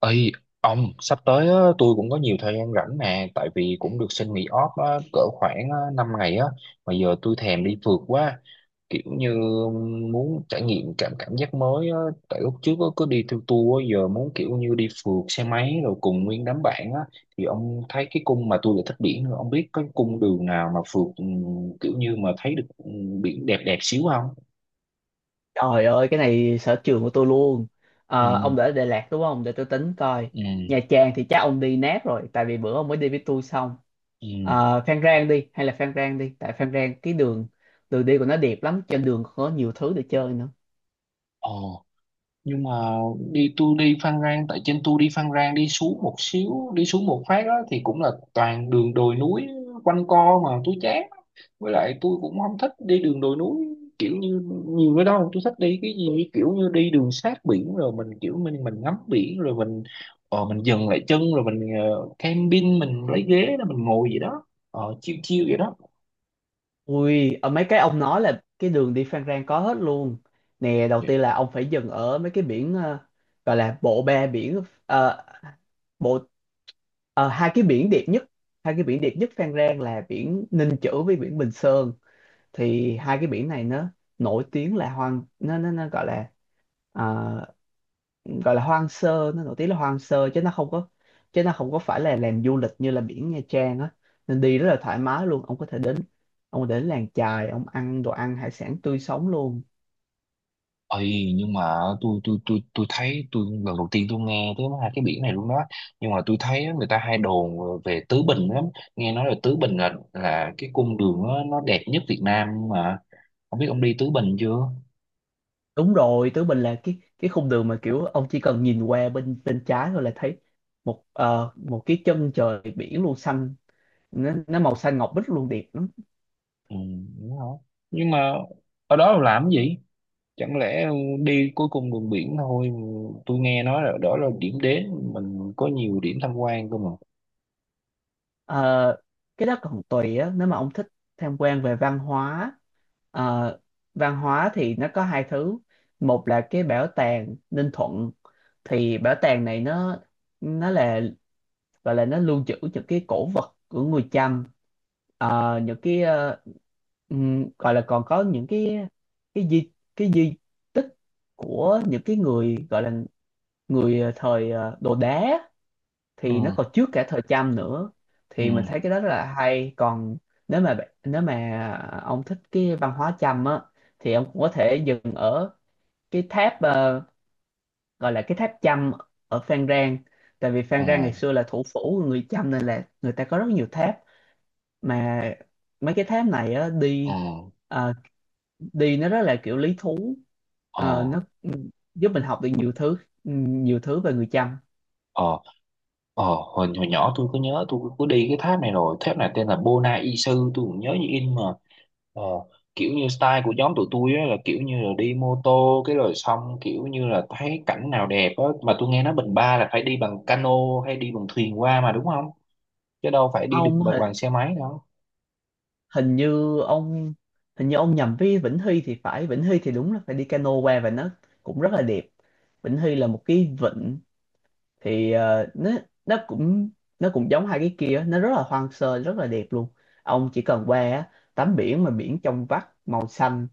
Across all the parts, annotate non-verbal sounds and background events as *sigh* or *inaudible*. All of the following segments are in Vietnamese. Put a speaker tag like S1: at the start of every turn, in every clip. S1: Ê, ông sắp tới á, tôi cũng có nhiều thời gian rảnh nè tại vì cũng được xin nghỉ off á, cỡ khoảng á, 5 ngày á. Mà giờ tôi thèm đi phượt quá, kiểu như muốn trải nghiệm cảm cảm giác mới á. Tại lúc trước á, cứ đi theo tour á, giờ muốn kiểu như đi phượt xe máy rồi cùng nguyên đám bạn á. Thì ông thấy cái cung mà tôi lại thích biển nữa, ông biết cái cung đường nào mà phượt, ừ, kiểu như mà thấy được, ừ, biển đẹp đẹp xíu không?
S2: Trời ơi, cái này sở trường của tôi luôn. Ờ,
S1: Ừ.
S2: ông đã ở Đà Lạt đúng không? Để tôi tính coi.
S1: Ừ.
S2: Nha Trang thì chắc ông đi nát rồi, tại vì bữa ông mới đi với tôi xong.
S1: Ừ.
S2: Ờ, Phan Rang đi, hay là Phan Rang đi, tại Phan Rang cái đường đường đi của nó đẹp lắm, trên đường có nhiều thứ để chơi nữa.
S1: Ồ, nhưng mà đi, tôi đi Phan Rang đi xuống một xíu, đi xuống một phát á, thì cũng là toàn đường đồi núi quanh co mà tôi chán. Với lại tôi cũng không thích đi đường đồi núi kiểu như nhiều cái đó. Tôi thích đi cái gì kiểu như đi đường sát biển rồi mình kiểu mình ngắm biển rồi mình, ờ, mình dừng lại chân rồi mình, ờ, camping, mình lấy ghế rồi mình ngồi gì đó, ờ, chiêu chiêu vậy đó.
S2: Ui, ở mấy cái ông nói là cái đường đi Phan Rang có hết luôn. Nè, đầu tiên là ông phải dừng ở mấy cái biển, gọi là bộ ba biển, bộ ờ, hai cái biển đẹp nhất, hai cái biển đẹp nhất Phan Rang là biển Ninh Chữ với biển Bình Sơn. Thì hai cái biển này nó nổi tiếng là hoang nó gọi là ờ, gọi là hoang sơ, nó nổi tiếng là hoang sơ chứ nó không có phải là làm du lịch như là biển Nha Trang á, nên đi rất là thoải mái luôn. Ông có thể đến làng chài, ông ăn đồ ăn hải sản tươi sống luôn.
S1: Ây, nhưng mà tôi thấy tôi lần đầu tiên tôi nghe tới hai cái biển này luôn đó. Nhưng mà tôi thấy á, người ta hay đồn về Tứ Bình lắm. Nghe nói là Tứ Bình là cái cung đường nó đẹp nhất Việt Nam, nhưng mà không biết ông đi Tứ Bình chưa.
S2: Đúng rồi, Tứ Bình là cái khung đường mà kiểu ông chỉ cần nhìn qua bên bên trái thôi là thấy một một cái chân trời biển luôn, xanh nó màu xanh ngọc bích luôn, đẹp lắm.
S1: Ừ, đúng không? Nhưng mà ở đó làm cái gì? Chẳng lẽ đi cuối cùng đường biển thôi? Tôi nghe nói là đó là điểm đến mình có nhiều điểm tham quan cơ mà.
S2: Ờ, cái đó còn tùy á, nếu mà ông thích tham quan về văn hóa, ờ, văn hóa thì nó có hai thứ. Một là cái bảo tàng Ninh Thuận, thì bảo tàng này nó là gọi là nó lưu trữ những cái cổ vật của người Chăm. Những cái gọi là, còn có những cái di tích của những cái người gọi là người thời đồ đá, thì nó
S1: Ừ.
S2: còn trước cả thời Trump nữa.
S1: Ừ.
S2: Thì mình thấy cái đó rất là hay. Còn nếu mà ông thích cái văn hóa Trump á, thì ông cũng có thể dừng ở cái tháp, gọi là cái tháp Chăm ở Phan Rang, tại vì
S1: Ờ.
S2: Phan Rang ngày xưa là thủ phủ của người Chăm nên là người ta có rất nhiều tháp. Mà mấy cái tháp này á,
S1: Ờ.
S2: đi, ờ, đi nó rất là kiểu lý thú.
S1: Ờ.
S2: Nó giúp mình học được nhiều thứ về người Chăm.
S1: Ờ. Ờ, hồi nhỏ tôi có nhớ tôi có đi cái tháp này rồi, tháp này tên là Bona Y Sư, tôi cũng nhớ như in mà. Ờ, kiểu như style của nhóm tụi tôi á, là kiểu như là đi mô tô cái rồi xong kiểu như là thấy cảnh nào đẹp á. Mà tôi nghe nói Bình Ba là phải đi bằng cano hay đi bằng thuyền qua mà, đúng không? Chứ đâu phải đi được
S2: Không,
S1: bằng, bằng xe máy đâu.
S2: hình như ông hình như ông nhầm với Vĩnh Hy thì phải. Vĩnh Hy thì đúng là phải đi cano qua, và nó cũng rất là đẹp. Vĩnh Hy là một cái vịnh, thì nó cũng nó cũng giống hai cái kia, nó rất là hoang sơ, rất là đẹp luôn. Ông chỉ cần qua á, tắm biển mà biển trong vắt,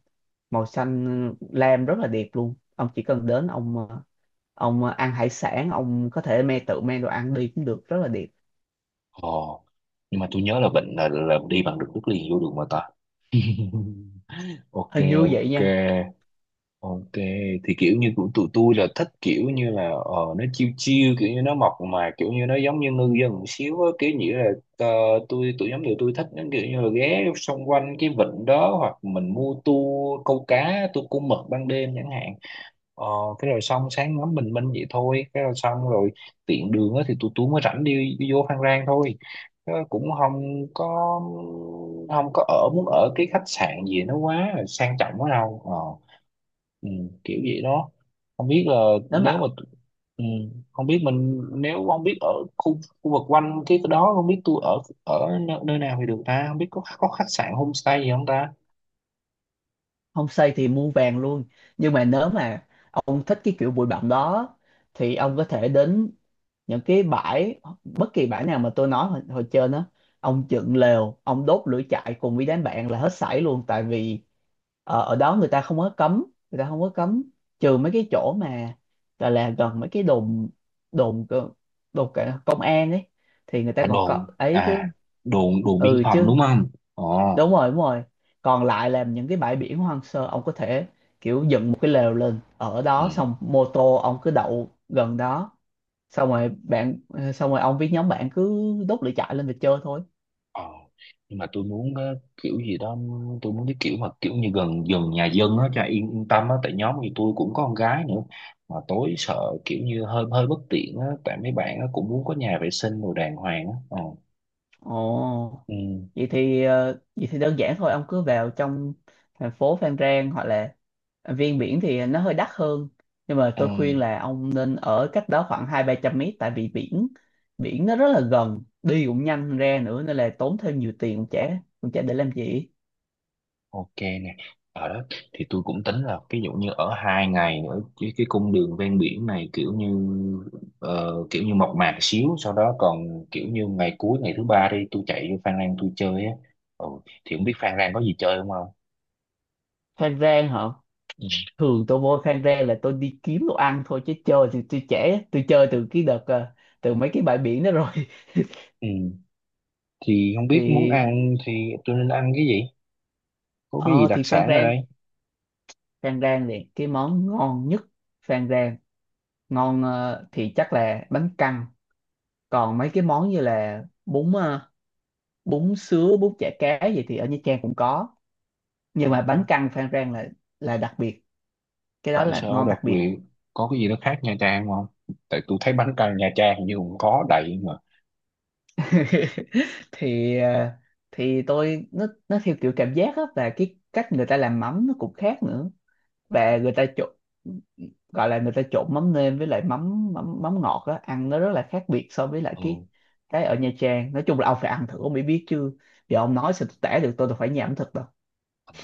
S2: màu xanh lam, rất là đẹp luôn. Ông chỉ cần đến, ông ông ăn hải sản, ông có thể me, tự me đồ ăn đi cũng được, rất là đẹp.
S1: Ờ, nhưng mà tôi nhớ là Bình là đi bằng được đất liền vô được mà ta. *laughs* Ok.
S2: Hình như vậy
S1: Ok.
S2: nha.
S1: Ok, thì kiểu như của tụi tôi là thích kiểu như là, ờ, nó chill chill kiểu như nó mộc mà kiểu như nó giống như ngư dân một xíu á, kiểu như là, ờ, tụi nhóm tụi tôi thích nó kiểu như là ghé xung quanh cái vịnh đó, hoặc mình mua tour câu cá, tour câu mực ban đêm chẳng hạn. Ờ, cái rồi xong sáng ngắm bình minh vậy thôi, cái rồi xong rồi tiện đường á thì tụi tôi mới rảnh đi, đi vô Phan Rang thôi. Ờ, cũng không có không có ở muốn ở cái khách sạn gì nó quá sang trọng quá đâu. Ờ. Ừ, kiểu vậy đó. Không biết là
S2: Nếu
S1: nếu
S2: mà
S1: mà, ừ, không biết mình nếu không biết ở khu khu vực quanh cái đó, không biết tôi ở ở nơi, nơi nào thì được ta, không biết có khách sạn homestay gì không ta.
S2: không xây thì mua vàng luôn, nhưng mà nếu mà ông thích cái kiểu bụi bặm đó, thì ông có thể đến những cái bãi, bất kỳ bãi nào mà tôi nói hồi trên á, ông dựng lều, ông đốt lửa trại cùng với đám bạn là hết sảy luôn. Tại vì ở đó người ta không có cấm, người ta không có cấm trừ mấy cái chỗ mà gọi là gần mấy cái đồn, đồn cơ- đồn cả công an ấy, thì người ta
S1: À,
S2: còn có
S1: đồn
S2: ấy chứ.
S1: à? Đồn, đồn biên
S2: Ừ
S1: phòng,
S2: chứ.
S1: đúng không? Ồ.
S2: Đúng rồi, đúng rồi. Còn lại là những cái bãi biển hoang sơ, ông có thể kiểu dựng một cái lều lên ở
S1: Ừ.
S2: đó, xong mô tô ông cứ đậu gần đó, xong rồi bạn xong rồi ông với nhóm bạn cứ đốt lửa trại lên và chơi thôi.
S1: Ờ, nhưng mà tôi muốn, ờ, kiểu gì đó tôi muốn cái kiểu mà kiểu như gần gần nhà dân á cho yên yên tâm á, tại nhóm thì tôi cũng có con gái nữa mà tối sợ kiểu như hơi hơi bất tiện á, tại mấy bạn á cũng muốn có nhà vệ sinh đồ đàng hoàng á. Ờ.
S2: Ồ,
S1: Ừ.
S2: vậy thì đơn giản thôi, ông cứ vào trong thành phố Phan Rang, hoặc là Viên Biển thì nó hơi đắt hơn, nhưng mà
S1: Ừ.
S2: tôi khuyên là ông nên ở cách đó khoảng hai ba trăm mét, tại vì biển, nó rất là gần, đi cũng nhanh ra nữa, nên là tốn thêm nhiều tiền cũng chả, để làm gì.
S1: Ok nè, ở đó thì tôi cũng tính là ví dụ như ở hai ngày ở cái cung đường ven biển này kiểu như, ờ, kiểu như mộc mạc xíu, sau đó còn kiểu như ngày cuối ngày thứ ba đi tôi chạy vô Phan Rang tôi chơi á. Ừ, thì không biết Phan Rang có gì chơi không không.
S2: Khang Rang hả?
S1: Ừ.
S2: Thường tôi vô Khang Rang là tôi đi kiếm đồ ăn thôi, chứ chơi thì tôi trễ, tôi chơi từ cái đợt từ mấy cái bãi biển đó rồi. *laughs*
S1: Ừ, thì không biết muốn
S2: Thì
S1: ăn thì tôi nên ăn cái gì, có cái gì đặc
S2: Phan
S1: sản ở
S2: Rang,
S1: đây.
S2: Thì cái món ngon nhất Phan Rang, ngon, thì chắc là bánh căn. Còn mấy cái món như là bún, bún sứa, bún chả cá gì thì ở Nha Trang cũng có,
S1: Ừ,
S2: nhưng mà
S1: hả?
S2: bánh căn Phan Rang là đặc biệt, cái đó
S1: Tại
S2: là
S1: sao
S2: ngon
S1: đặc
S2: đặc biệt.
S1: biệt, có cái gì nó khác Nha Trang không? Tại tôi thấy bánh căn Nha Trang hình như cũng có đầy mà.
S2: *laughs* Thì thì tôi, nó theo kiểu cảm giác á, và cái cách người ta làm mắm nó cũng khác nữa, và người ta trộn gọi là người ta trộn mắm nêm với lại mắm mắm mắm ngọt á, ăn nó rất là khác biệt so với lại
S1: Ừ.
S2: cái ở Nha Trang. Nói chung là ông phải ăn thử ông mới biết chứ, giờ ông nói sao tôi tả được, tôi đâu phải nhà ẩm thực đâu.
S1: Ờ,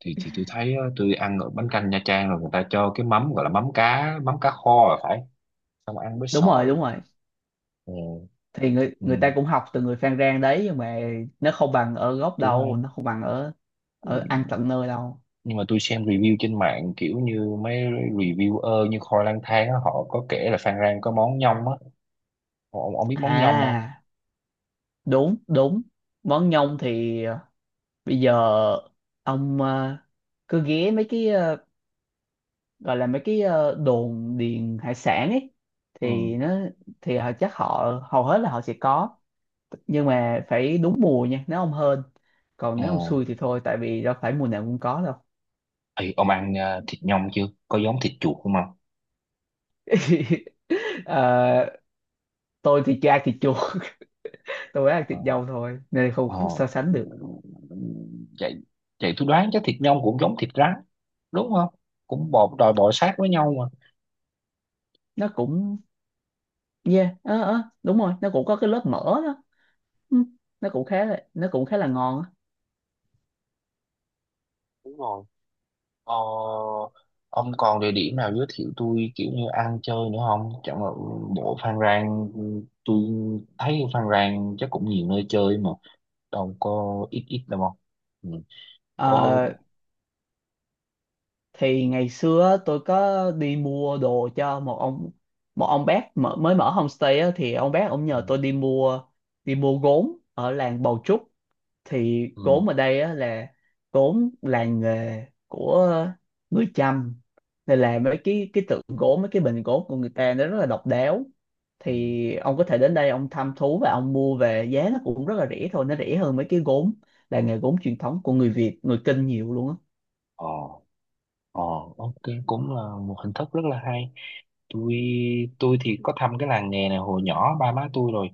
S1: thì tôi thấy á, tôi ăn ở bánh canh Nha Trang rồi người ta cho cái mắm gọi là mắm cá, mắm cá kho là phải xong ăn với
S2: Đúng rồi,
S1: xồi.
S2: đúng rồi,
S1: Ừ.
S2: thì người
S1: Ừ,
S2: người ta cũng học từ người Phan Rang đấy, nhưng mà nó không bằng ở gốc
S1: đúng
S2: đâu,
S1: hay.
S2: nó không bằng ở
S1: Ừ,
S2: ở ăn tận nơi đâu.
S1: nhưng mà tôi xem review trên mạng kiểu như mấy reviewer như Khoi Lang Thang á, họ có kể là Phan Rang có món nhông á. Ông biết món nhông không?
S2: À, đúng, đúng, món nhông thì bây giờ ông cứ ghé mấy cái, gọi là mấy cái đồn điền hải sản ấy,
S1: Ừ.
S2: thì nó thì họ chắc, họ hầu hết là họ sẽ có, nhưng mà phải đúng mùa nha, nếu ông hên, còn
S1: Ờ.
S2: nếu ông xui thì thôi, tại vì đâu phải mùa nào cũng có đâu.
S1: Ê, ông ăn à, thịt nhông chưa, có giống thịt chuột không không?
S2: *laughs* Ờ, tôi thì chưa ăn thịt chuột *laughs* tôi ăn thịt
S1: Ờ.
S2: dâu thôi, nên không không
S1: Ờ.
S2: so sánh được.
S1: Vậy vậy tôi đoán chắc thịt nhông cũng giống thịt rắn đúng không, cũng bò đòi bò sát với nhau.
S2: Nó cũng, yeah, đúng rồi, nó cũng có cái lớp mỡ đó. Ừ, nó cũng khá là ngon á.
S1: Đúng rồi. Ờ, ông còn địa điểm nào giới thiệu tôi kiểu như ăn chơi nữa không? Chẳng là bộ Phan Rang, tôi thấy Phan Rang chắc cũng nhiều nơi chơi mà, đâu có ít ít đâu không? Ừ. Có.
S2: Ờ, thì ngày xưa á, tôi có đi mua đồ cho một ông, bác, mới mở homestay á, thì ông bác ông
S1: Ừ.
S2: nhờ tôi đi mua, gốm ở làng Bầu Trúc. Thì
S1: Ừ.
S2: gốm ở đây á, là gốm làng nghề của người Chăm, nên là mấy cái tượng gốm, mấy cái bình gốm của người ta nó rất là độc đáo.
S1: Ừ.
S2: Thì ông có thể đến đây ông thăm thú và ông mua về, giá nó cũng rất là rẻ thôi, nó rẻ hơn mấy cái gốm làng nghề gốm truyền thống của người Việt, người Kinh, nhiều luôn á.
S1: Ờ. Ờ, ok, cũng là một hình thức rất là hay. tôi tôi thì có thăm cái làng nghề này hồi nhỏ ba má tôi rồi,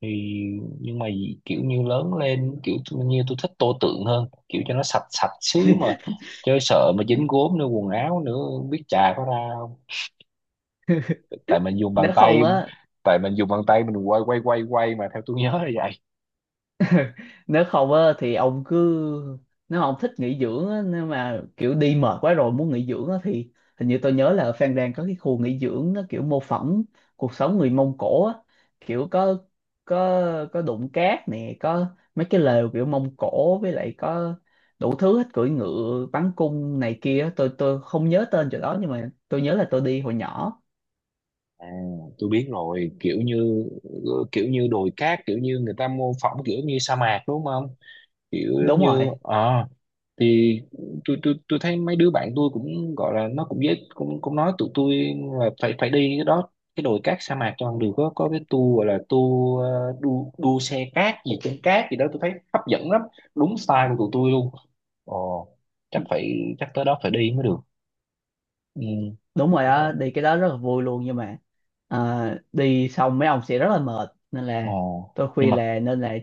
S1: thì nhưng mà kiểu như lớn lên kiểu như tôi thích tô tượng hơn kiểu cho nó sạch sạch xíu mà
S2: *laughs*
S1: chơi, sợ mà dính gốm nữa quần áo nữa không biết chà có ra không. Tại mình dùng bàn
S2: nếu không
S1: tay.
S2: á
S1: Tại mình dùng bàn tay mình quay quay quay quay mà theo tôi nhớ là vậy.
S2: *laughs* Nếu không á thì ông cứ, nếu mà ông thích nghỉ dưỡng á, nếu mà kiểu đi mệt quá rồi muốn nghỉ dưỡng á, thì hình như tôi nhớ là ở Phan Rang có cái khu nghỉ dưỡng nó kiểu mô phỏng cuộc sống người Mông Cổ á, kiểu có, có đụng cát nè, có mấy cái lều kiểu Mông Cổ, với lại có đủ thứ hết, cưỡi ngựa, bắn cung này kia á. Tôi không nhớ tên chỗ đó, nhưng mà tôi nhớ là tôi đi hồi nhỏ.
S1: À, tôi biết rồi, kiểu như đồi cát kiểu như người ta mô phỏng kiểu như sa mạc đúng không, kiểu giống
S2: Đúng
S1: như,
S2: rồi,
S1: ờ, thì tôi thấy mấy đứa bạn tôi cũng gọi là nó cũng dễ cũng cũng nói tụi tôi là phải phải đi cái đó, cái đồi cát sa mạc cho bằng được. Có cái tour gọi là tour, ờ, đu đu xe cát gì trên cát gì đó, tôi thấy hấp dẫn lắm, đúng style của tụi tôi luôn. Ồ, chắc phải chắc tới đó phải đi mới được. Ừ.
S2: đúng rồi
S1: Tôi
S2: đó,
S1: thấy
S2: đi cái đó rất là vui luôn, nhưng mà à, đi xong mấy ông sẽ rất là mệt, nên là
S1: ồ,
S2: tôi
S1: nhưng
S2: khuyên
S1: mà,
S2: là nên là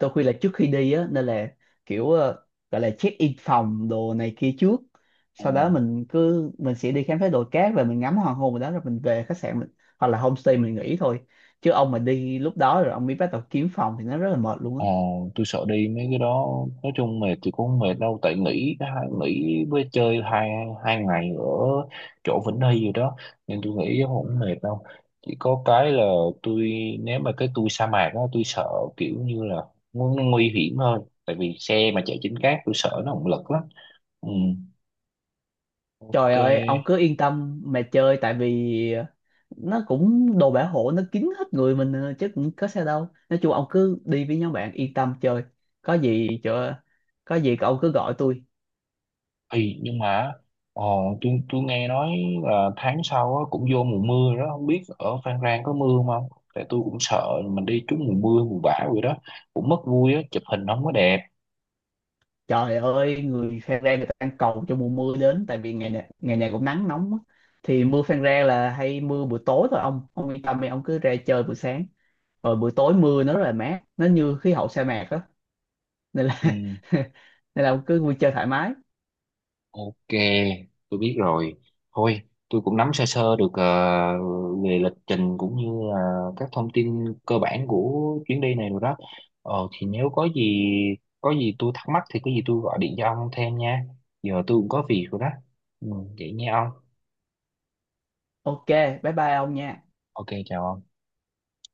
S2: tôi khuyên là trước khi đi á, nên là kiểu, gọi là check in phòng đồ này kia trước, sau đó mình cứ, sẽ đi khám phá đồi cát và mình ngắm hoàng hôn ở đó, rồi mình về khách sạn mình, hoặc là homestay mình nghỉ thôi, chứ ông mà đi lúc đó rồi ông mới bắt đầu kiếm phòng thì nó rất là mệt luôn á.
S1: ờ, tôi sợ đi mấy cái đó. Nói chung mệt thì cũng không mệt đâu, tại nghỉ nghỉ với chơi hai hai ngày ở chỗ Vĩnh Hy rồi đó, nên tôi nghĩ cũng không mệt đâu. Chỉ có cái là tôi, nếu mà cái tôi sa mạc á tôi sợ kiểu như là nguy hiểm hơn, tại vì xe mà chạy trên cát tôi sợ nó không lực lắm. Ừ, ok.
S2: Trời ơi, ông cứ yên tâm mà chơi, tại vì nó cũng đồ bảo hộ nó kín hết người mình à, chứ cũng có sao đâu, nói chung ông cứ đi với nhóm bạn yên tâm chơi, có gì cho có gì cậu cứ gọi tôi.
S1: Thì nhưng mà, ờ, tôi nghe nói là tháng sau á, cũng vô mùa mưa rồi đó, không biết ở Phan Rang có mưa không. Tại tôi cũng sợ mình đi trúng mùa mưa mùa bão rồi đó, cũng mất vui á, chụp hình không có đẹp.
S2: Trời ơi, người Phan Rang người ta đang cầu cho mùa mưa đến, tại vì ngày này cũng nắng nóng á. Thì mưa Phan Rang là hay mưa buổi tối thôi, ông, yên tâm đi, ông cứ ra chơi buổi sáng, rồi buổi tối mưa nó rất là mát, nó như khí hậu sa mạc á, nên là *laughs*
S1: Ừ,
S2: nên là ông cứ vui chơi thoải mái.
S1: ok, tôi biết rồi. Thôi, tôi cũng nắm sơ sơ được, ờ, về lịch trình cũng như là các thông tin cơ bản của chuyến đi này rồi đó. Ờ, thì nếu có gì tôi thắc mắc thì có gì tôi gọi điện cho ông thêm nha. Giờ tôi cũng có việc rồi đó. Ừ, vậy nha ông.
S2: Ok, bye bye ông nha.
S1: Ok, chào ông.